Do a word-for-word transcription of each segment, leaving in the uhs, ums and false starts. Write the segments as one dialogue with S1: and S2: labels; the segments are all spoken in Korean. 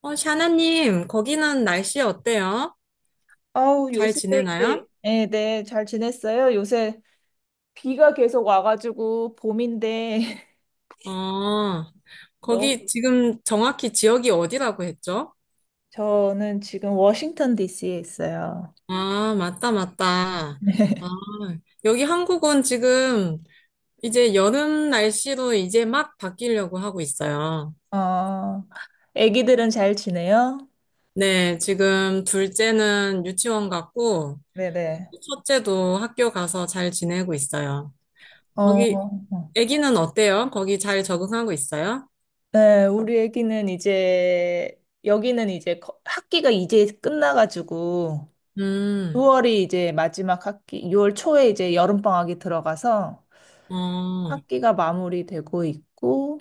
S1: 어, 샤나님, 거기는 날씨 어때요?
S2: 아우,
S1: 잘
S2: 요새
S1: 지내나요?
S2: 이제, 네, 네, 잘 지냈어요? 요새 비가 계속 와가지고 봄인데,
S1: 어, 거기
S2: 너무,
S1: 지금 정확히 지역이 어디라고 했죠?
S2: 저는 지금 워싱턴 디씨에 있어요.
S1: 아, 맞다, 맞다. 아, 여기 한국은 지금 이제 여름 날씨로 이제 막 바뀌려고 하고 있어요.
S2: 어, 애기들은 잘 지내요?
S1: 네, 지금 둘째는 유치원 갔고,
S2: 네네.
S1: 첫째도 학교 가서 잘 지내고 있어요.
S2: 어,
S1: 거기,
S2: 어.
S1: 아기는 어때요? 거기 잘 적응하고 있어요?
S2: 네, 우리 애기는 이제, 여기는 이제 거- 학기가 이제 끝나가지고,
S1: 음.
S2: 유월이 이제 마지막 학기, 유월 초에 이제 여름방학이 들어가서
S1: 어.
S2: 학기가 마무리되고 있고,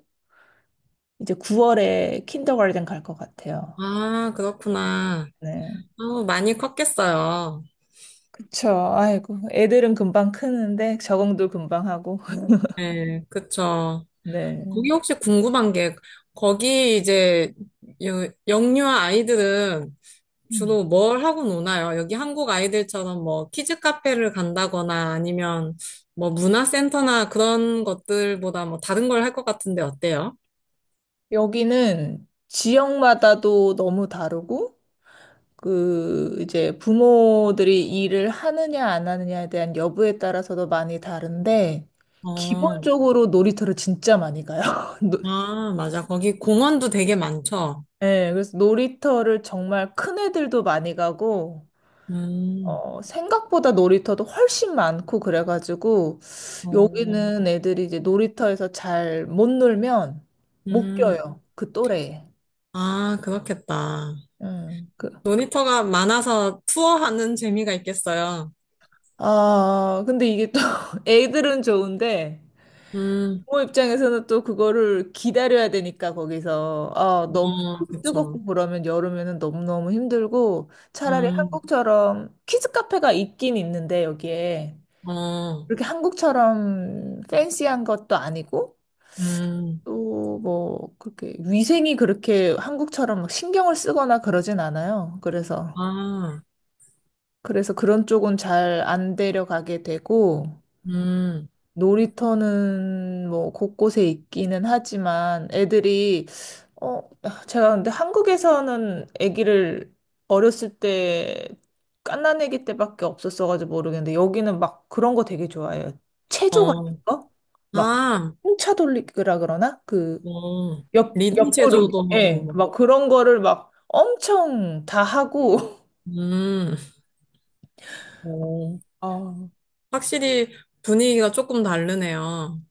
S2: 이제 구월에 킨더가든 갈 것 같아요.
S1: 아, 그렇구나.
S2: 네,
S1: 어, 많이 컸겠어요.
S2: 그쵸. 아이고, 애들은 금방 크는데 적응도 금방 하고.
S1: 네, 그쵸.
S2: 네.
S1: 거기 혹시 궁금한 게, 거기 이제 여- 영유아 아이들은
S2: 음.
S1: 주로 뭘 하고 노나요? 여기 한국 아이들처럼 뭐 키즈 카페를 간다거나 아니면 뭐 문화센터나 그런 것들보다 뭐 다른 걸 할 것 같은데 어때요?
S2: 여기는 지역마다도 너무 다르고, 그, 이제 부모들이 일을 하느냐 안 하느냐에 대한 여부에 따라서도 많이 다른데,
S1: 어.
S2: 기본적으로 놀이터를 진짜 많이 가요. 노-
S1: 아, 맞아. 거기 공원도 되게 많죠?
S2: 네, 그래서 놀이터를 정말 큰 애들도 많이 가고,
S1: 음.
S2: 어, 생각보다 놀이터도 훨씬 많고 그래가지고
S1: 어.
S2: 여기는 애들이 이제 놀이터에서 잘 못 놀면 못
S1: 음.
S2: 껴요. 그 또래에.
S1: 아, 그렇겠다.
S2: 음, 그,
S1: 모니터가 많아서 투어하는 재미가 있겠어요.
S2: 아, 근데 이게 또 애들은 좋은데
S1: 음.
S2: 부모 입장에서는 또 그거를 기다려야 되니까 거기서 아, 너무
S1: 어,
S2: 햇빛이
S1: 그쵸.
S2: 뜨겁고 그러면 여름에는 너무너무 힘들고 차라리
S1: 음.
S2: 한국처럼 키즈 카페가 있긴 있는데 여기에
S1: 어.
S2: 그렇게 한국처럼 팬시한 것도 아니고
S1: 음.
S2: 또 뭐 그렇게 위생이 그렇게 한국처럼 막 신경을 쓰거나 그러진 않아요. 그래서
S1: 아.
S2: 그래서 그런 쪽은 잘 안 데려가게 되고
S1: 음.
S2: 놀이터는 뭐 곳곳에 있기는 하지만 애들이 어 제가 근데 한국에서는 아기를 어렸을 때 갓난아기 때밖에 없었어가지고 모르겠는데 여기는 막 그런 거 되게 좋아해요. 체조 같은
S1: 어.
S2: 거? 막
S1: 아.
S2: 풍차 돌리기라 그러나? 그
S1: 어.
S2: 옆,
S1: 리듬
S2: 옆구르기,
S1: 체조도 하고,
S2: 예,
S1: 막.
S2: 막 그런 거를 막 엄청 다 하고,
S1: 음. 어,
S2: 아,
S1: 확실히 분위기가 조금 다르네요.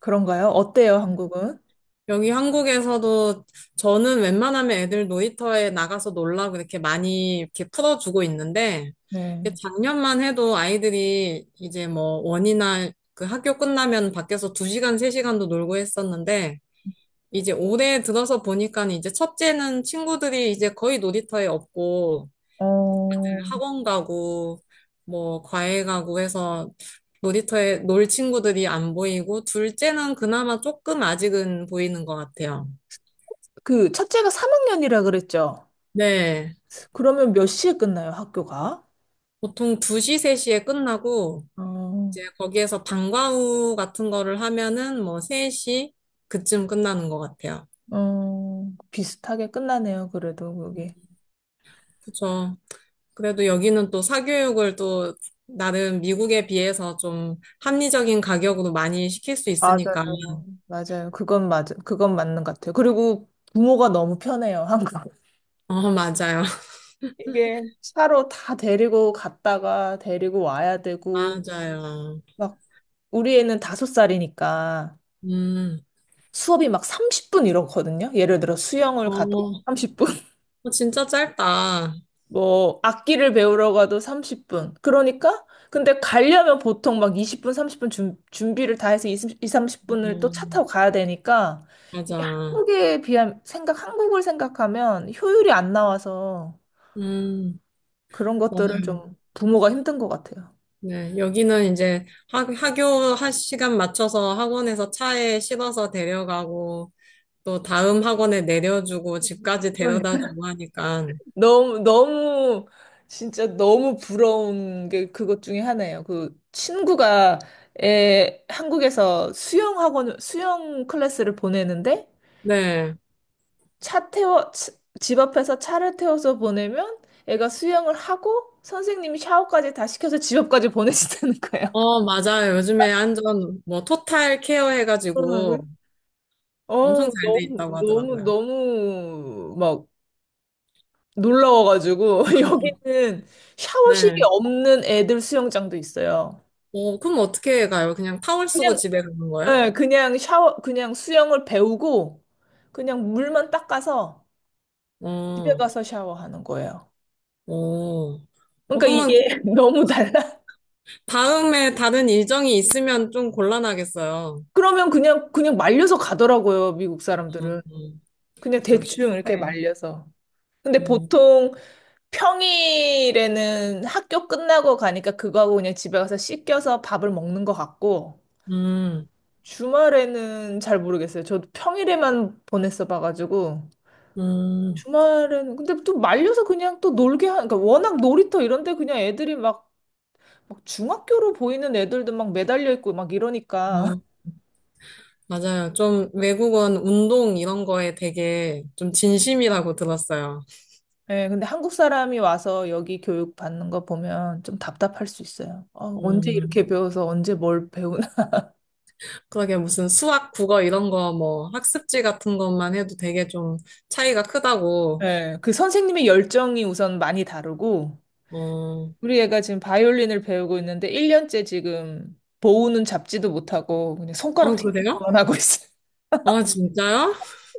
S2: 그런가요? 어때요, 한국은?
S1: 여기 한국에서도 저는 웬만하면 애들 놀이터에 나가서 놀라고 이렇게 많이 이렇게 풀어주고 있는데 이게
S2: 네.
S1: 작년만 해도 아이들이 이제 뭐 원이나 그 학교 끝나면 밖에서 두시간세시간도 놀고 했었는데 이제 올해 들어서 보니까 이제 첫째는 친구들이 이제 거의 놀이터에 없고
S2: 어,
S1: 늘 학원 가고 뭐 과외 가고 해서 놀이터에 놀 친구들이 안 보이고 둘째는 그나마 조금 아직은 보이는 것 같아요.
S2: 그, 첫째가 삼 학년이라 그랬죠?
S1: 네.
S2: 그러면 몇 시에 끝나요, 학교가?
S1: 보통 두 시, 세 시에 끝나고,
S2: 어,
S1: 이제 거기에서 방과후 같은 거를 하면은 뭐 세 시 그쯤 끝나는 것 같아요.
S2: 어, 비슷하게 끝나네요, 그래도 그게.
S1: 그쵸. 그래도 여기는 또 사교육을 또 나름 미국에 비해서 좀 합리적인 가격으로 많이 시킬 수 있으니까.
S2: 맞아요. 맞아요. 그건 맞, 그건 맞는 것 같아요. 그리고 부모가 너무 편해요, 한국은.
S1: 어, 맞아요.
S2: 이게 차로 다 데리고 갔다가 데리고 와야 되고,
S1: 맞아요.
S2: 막 우리 애는 다섯 살이니까
S1: 음.
S2: 수업이 막 삼십 분 이러거든요. 예를 들어 수영을 가도
S1: 어.
S2: 삼십 분,
S1: 진짜 짧다.
S2: 뭐 악기를 배우러 가도 삼십 분. 그러니까 근데 가려면 보통 막 이십 분, 삼십 분 준, 준비를 다 해서 이십, 삼십 분을 또
S1: 어,
S2: 차 타고 가야 되니까 이게
S1: 맞아.
S2: 한국에 비하면 생각 한국을 생각하면 효율이 안 나와서
S1: 음.
S2: 그런 것들은 좀 부모가 힘든 것 같아요.
S1: 네, 여기는 이제 학, 학교 한 시간 맞춰서 학원에서 차에 실어서 데려가고 또 다음 학원에 내려주고 집까지
S2: 그러니까
S1: 데려다주고 하니까.
S2: 너무, 너무, 진짜 너무 부러운 게 그것 중에 하나예요. 그 친구가 에, 한국에서 수영학원, 수영 클래스를 보내는데
S1: 네.
S2: 차 태워, 차- 집 앞에서 차를 태워서 보내면 애가 수영을 하고 선생님이 샤워까지 다 시켜서 집 앞까지 보내준다는 거예요.
S1: 어, 맞아요. 요즘에 완전 뭐 토탈 케어
S2: 응.
S1: 해가지고
S2: 어,
S1: 엄청 잘 돼
S2: 너무,
S1: 있다고
S2: 너무,
S1: 하더라고요.
S2: 너무 막 놀라워가지고 여기는 샤워실이
S1: 네.
S2: 없는 애들 수영장도 있어요.
S1: 어, 그럼 어떻게 가요? 그냥 타월 쓰고
S2: 그냥
S1: 집에 가는 거예요?
S2: 네, 그냥 샤워, 그냥 수영을 배우고 그냥 물만 닦아서 집에
S1: 어.
S2: 가서 샤워하는 거예요.
S1: 어. 어,
S2: 그러니까
S1: 그러면 그
S2: 이게 너무 달라.
S1: 다음에 다른 일정이 있으면 좀 곤란하겠어요.
S2: 그러면 그냥 그냥 말려서 가더라고요, 미국
S1: 음,
S2: 사람들은.
S1: 음.
S2: 그냥
S1: 역시.
S2: 대충 이렇게
S1: 네.
S2: 말려서. 근데
S1: 음.
S2: 보통 평일에는 학교 끝나고 가니까 그거하고 그냥 집에 가서 씻겨서 밥을 먹는 것 같고
S1: 음,
S2: 주말에는 잘 모르겠어요. 저도 평일에만 보냈어 봐가지고.
S1: 음,
S2: 주말에는 근데 또 말려서 그냥 또 놀게 하 그러니까 워낙 놀이터 이런 데 그냥 애들이 막, 막 중학교로 보이는 애들도 막 매달려 있고 막 이러니까
S1: 음. 맞아요. 좀 외국은 운동 이런 거에 되게 좀 진심이라고 들었어요.
S2: 예 근데 한국 사람이 와서 여기 교육 받는 거 보면 좀 답답할 수 있어요. 어, 언제
S1: 음,
S2: 이렇게 배워서 언제 뭘 배우나.
S1: 그러게 무슨 수학, 국어 이런 거 뭐 학습지 같은 것만 해도 되게 좀 차이가 크다고.
S2: 예 그 선생님의 열정이 우선 많이 다르고
S1: 어, 어,
S2: 우리 애가 지금 바이올린을 배우고 있는데 일 년째 지금 보우는 잡지도 못하고 그냥 손가락 튕기는
S1: 그래요?
S2: 것만 하고 있어.
S1: 어, 진짜요?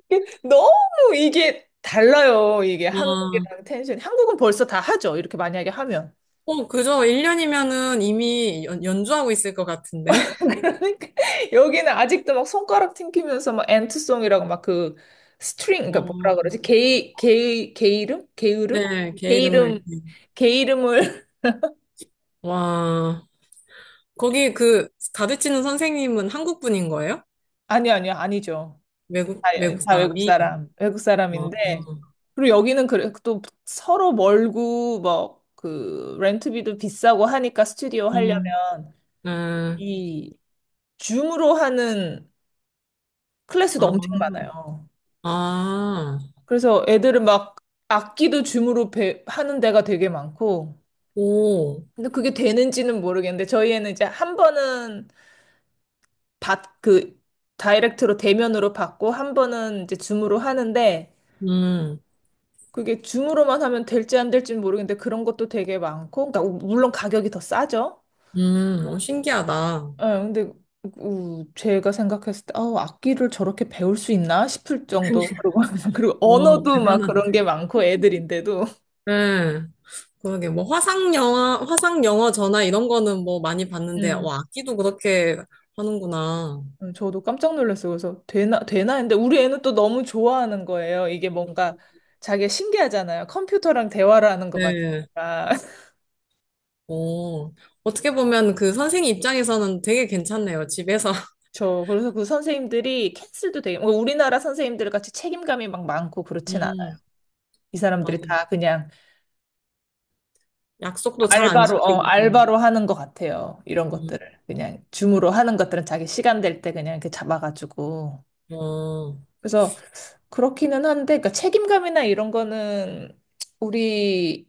S2: 이게 너무 이게 달라요. 이게
S1: 와.
S2: 한국이랑 텐션이. 한국은 벌써 다 하죠. 이렇게 만약에 하면.
S1: 어, 그죠. 일 년이면은 이미 연, 연주하고 있을 것 같은데.
S2: 그러니까 여기는 아직도 막 손가락 튕기면서 막 엔트송이라고 막 그 스트링, 그러니까 뭐라
S1: 어,
S2: 그러지? 게이, 게이, 게이름? 게으름?
S1: 네, 개이름을.
S2: 게이름, 게이름을.
S1: 와, 거기 그 가르치는 선생님은 한국 분인 거예요?
S2: 아니요, 아니요, 아니죠.
S1: 외국,
S2: 다,
S1: 외국
S2: 다 외국
S1: 사람이?
S2: 사람, 외국
S1: 어. 어.
S2: 사람인데. 그리고 여기는 그래, 또 서로 멀고, 뭐, 그, 렌트비도 비싸고 하니까 스튜디오
S1: 음.
S2: 하려면.
S1: 음.
S2: 이 줌으로 하는 클래스도
S1: 아.
S2: 엄청 많아요.
S1: 아.
S2: 그래서 애들은 막 악기도 줌으로 배, 하는 데가 되게 많고,
S1: 오.
S2: 근데 그게 되는지는 모르겠는데, 저희 애는 이제 한 번은 받, 그, 다이렉트로 대면으로 받고, 한 번은 이제 줌으로 하는데,
S1: 음.
S2: 그게 줌으로만 하면 될지 안 될지는 모르겠는데, 그런 것도 되게 많고, 그러니까 물론 가격이 더 싸죠.
S1: 음. 어, 신기하다.
S2: 예, 근데 우, 제가 생각했을 때, 아, 악기를 저렇게 배울 수 있나 싶을 정도. 그리고, 그리고
S1: 오,
S2: 언어도 막
S1: 대단한.
S2: 그런 게 많고 애들인데도.
S1: 네, 그러게, 뭐, 화상 영화, 화상 영어 전화 이런 거는 뭐 많이 봤는데,
S2: 음,
S1: 와, 악기도 그렇게 하는구나.
S2: 음, 저도 깜짝 놀랐어요. 그래서 되나, 되나 했는데 우리 애는 또 너무 좋아하는 거예요. 이게 뭔가 자기가 신기하잖아요. 컴퓨터랑 대화를 하는 것
S1: 네.
S2: 같으니까.
S1: 오, 어떻게 보면 그 선생님 입장에서는 되게 괜찮네요, 집에서.
S2: 저, 그래서 그 선생님들이 캔슬도 되게, 뭐 우리나라 선생님들 같이 책임감이 막 많고 그렇진 않아요.
S1: 음.
S2: 이 사람들이
S1: 맞아.
S2: 다 그냥
S1: 약속도 잘 안
S2: 알바로, 어,
S1: 지키고 좀.
S2: 알바로 하는 것 같아요. 이런
S1: 음.
S2: 것들을. 그냥 줌으로 하는 것들은 자기 시간 될 때 그냥 이렇게 잡아가지고.
S1: 어.
S2: 그래서 그렇기는 한데, 그러니까 책임감이나 이런 거는 우리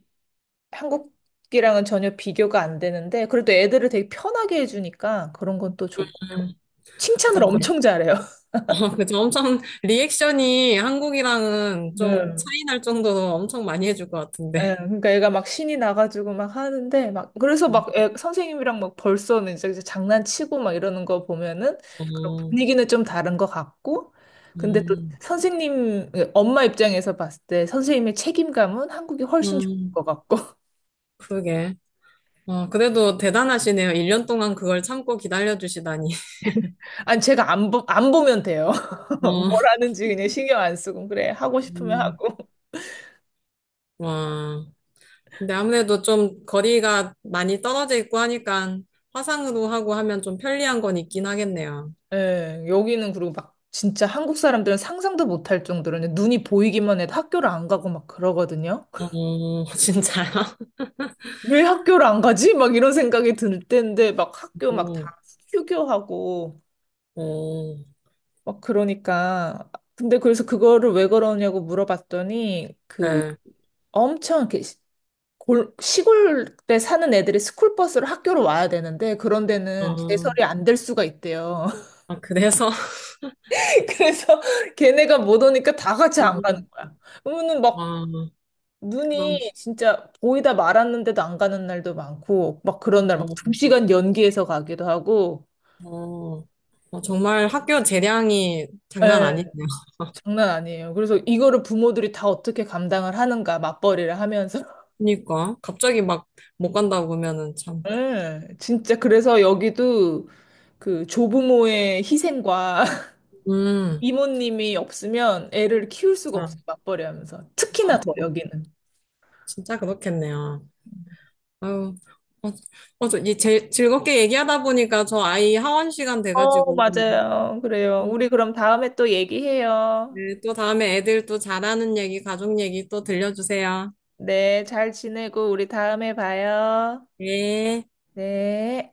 S2: 한국이랑은 전혀 비교가 안 되는데, 그래도 애들을 되게 편하게 해주니까 그런 건 또 좋고.
S1: 음.
S2: 칭찬을
S1: 그럼.
S2: 엄청 잘해요.
S1: 아, 그죠. 엄청 리액션이 한국이랑은 좀
S2: 네.
S1: 차이 날 정도로 엄청 많이 해줄 것 같은데.
S2: 예, 그러니까 애가 막 신이 나가지고 막 하는데 막 그래서 막 애, 선생님이랑 막 벌써는 이제, 이제 장난치고 막 이러는 거 보면은 그런
S1: 어.
S2: 분위기는 좀 다른 것 같고 근데 또
S1: 음,
S2: 선생님 엄마 입장에서 봤을 때 선생님의 책임감은 한국이 훨씬 좋을
S1: 음,
S2: 것 같고
S1: 그러게. 어, 그래도 대단하시네요. 일 년 동안 그걸 참고 기다려주시다니.
S2: 아니 제가 안, 보, 안 보면 돼요. 뭘
S1: 어.
S2: 하는지 그냥 신경 안 쓰고 그래 하고 싶으면
S1: 음.
S2: 하고
S1: 와. 근데 아무래도 좀 거리가 많이 떨어져 있고 하니까 화상으로 하고 하면 좀 편리한 건 있긴 하겠네요.
S2: 예, 여기는 그리고 막 진짜 한국 사람들은 상상도 못할 정도로 그냥 눈이 보이기만 해도 학교를 안 가고 막 그러거든요.
S1: 어, 진짜요?
S2: 왜 학교를 안 가지? 막 이런 생각이 들 때인데 막 학교 막 다
S1: 오.
S2: 휴교하고
S1: 오.
S2: 막 그러니까 근데 그래서 그거를 왜 그러냐고 물어봤더니
S1: 네.
S2: 엄청 이렇게 시- 골, 시골에 사는 애들이 스쿨버스로 학교로 와야 되는데 그런 데는
S1: 아.
S2: 제설이 안 될 수가 있대요.
S1: 아, 그래서?
S2: 그래서 걔네가 못 오니까 다 같이
S1: 어.
S2: 안 가는 거야. 그러면은 막
S1: 와. 그런,
S2: 눈이 진짜 보이다 말았는데도 안 가는 날도 많고 막 그런 날 막 두
S1: 뭐,
S2: 시간 연기해서 가기도 하고
S1: 어, 어, 어, 정말 학교 재량이 장난
S2: 예.
S1: 아니네요.
S2: 장난 아니에요. 그래서 이거를 부모들이 다 어떻게 감당을 하는가, 맞벌이를 하면서.
S1: 그러니까. 갑자기 막 못 간다고 그러면은 참.
S2: 예, 진짜 그래서 여기도 그 조부모의 희생과
S1: 음.
S2: 이모님이 없으면 애를 키울 수가
S1: 자.
S2: 없어요, 맞벌이 하면서. 특히나
S1: 아,
S2: 더 여기는.
S1: 진짜 그렇겠네요. 아유. 어. 어, 저, 이 제, 즐겁게 얘기하다 보니까 저 아이 하원 시간
S2: 어,
S1: 돼가지고.
S2: 맞아요. 그래요.
S1: 음.
S2: 우리 그럼 다음에 또 얘기해요.
S1: 네, 또 다음에 애들 또 잘하는 얘기, 가족 얘기 또 들려주세요.
S2: 네, 잘 지내고 우리 다음에 봐요.
S1: 네.
S2: 네.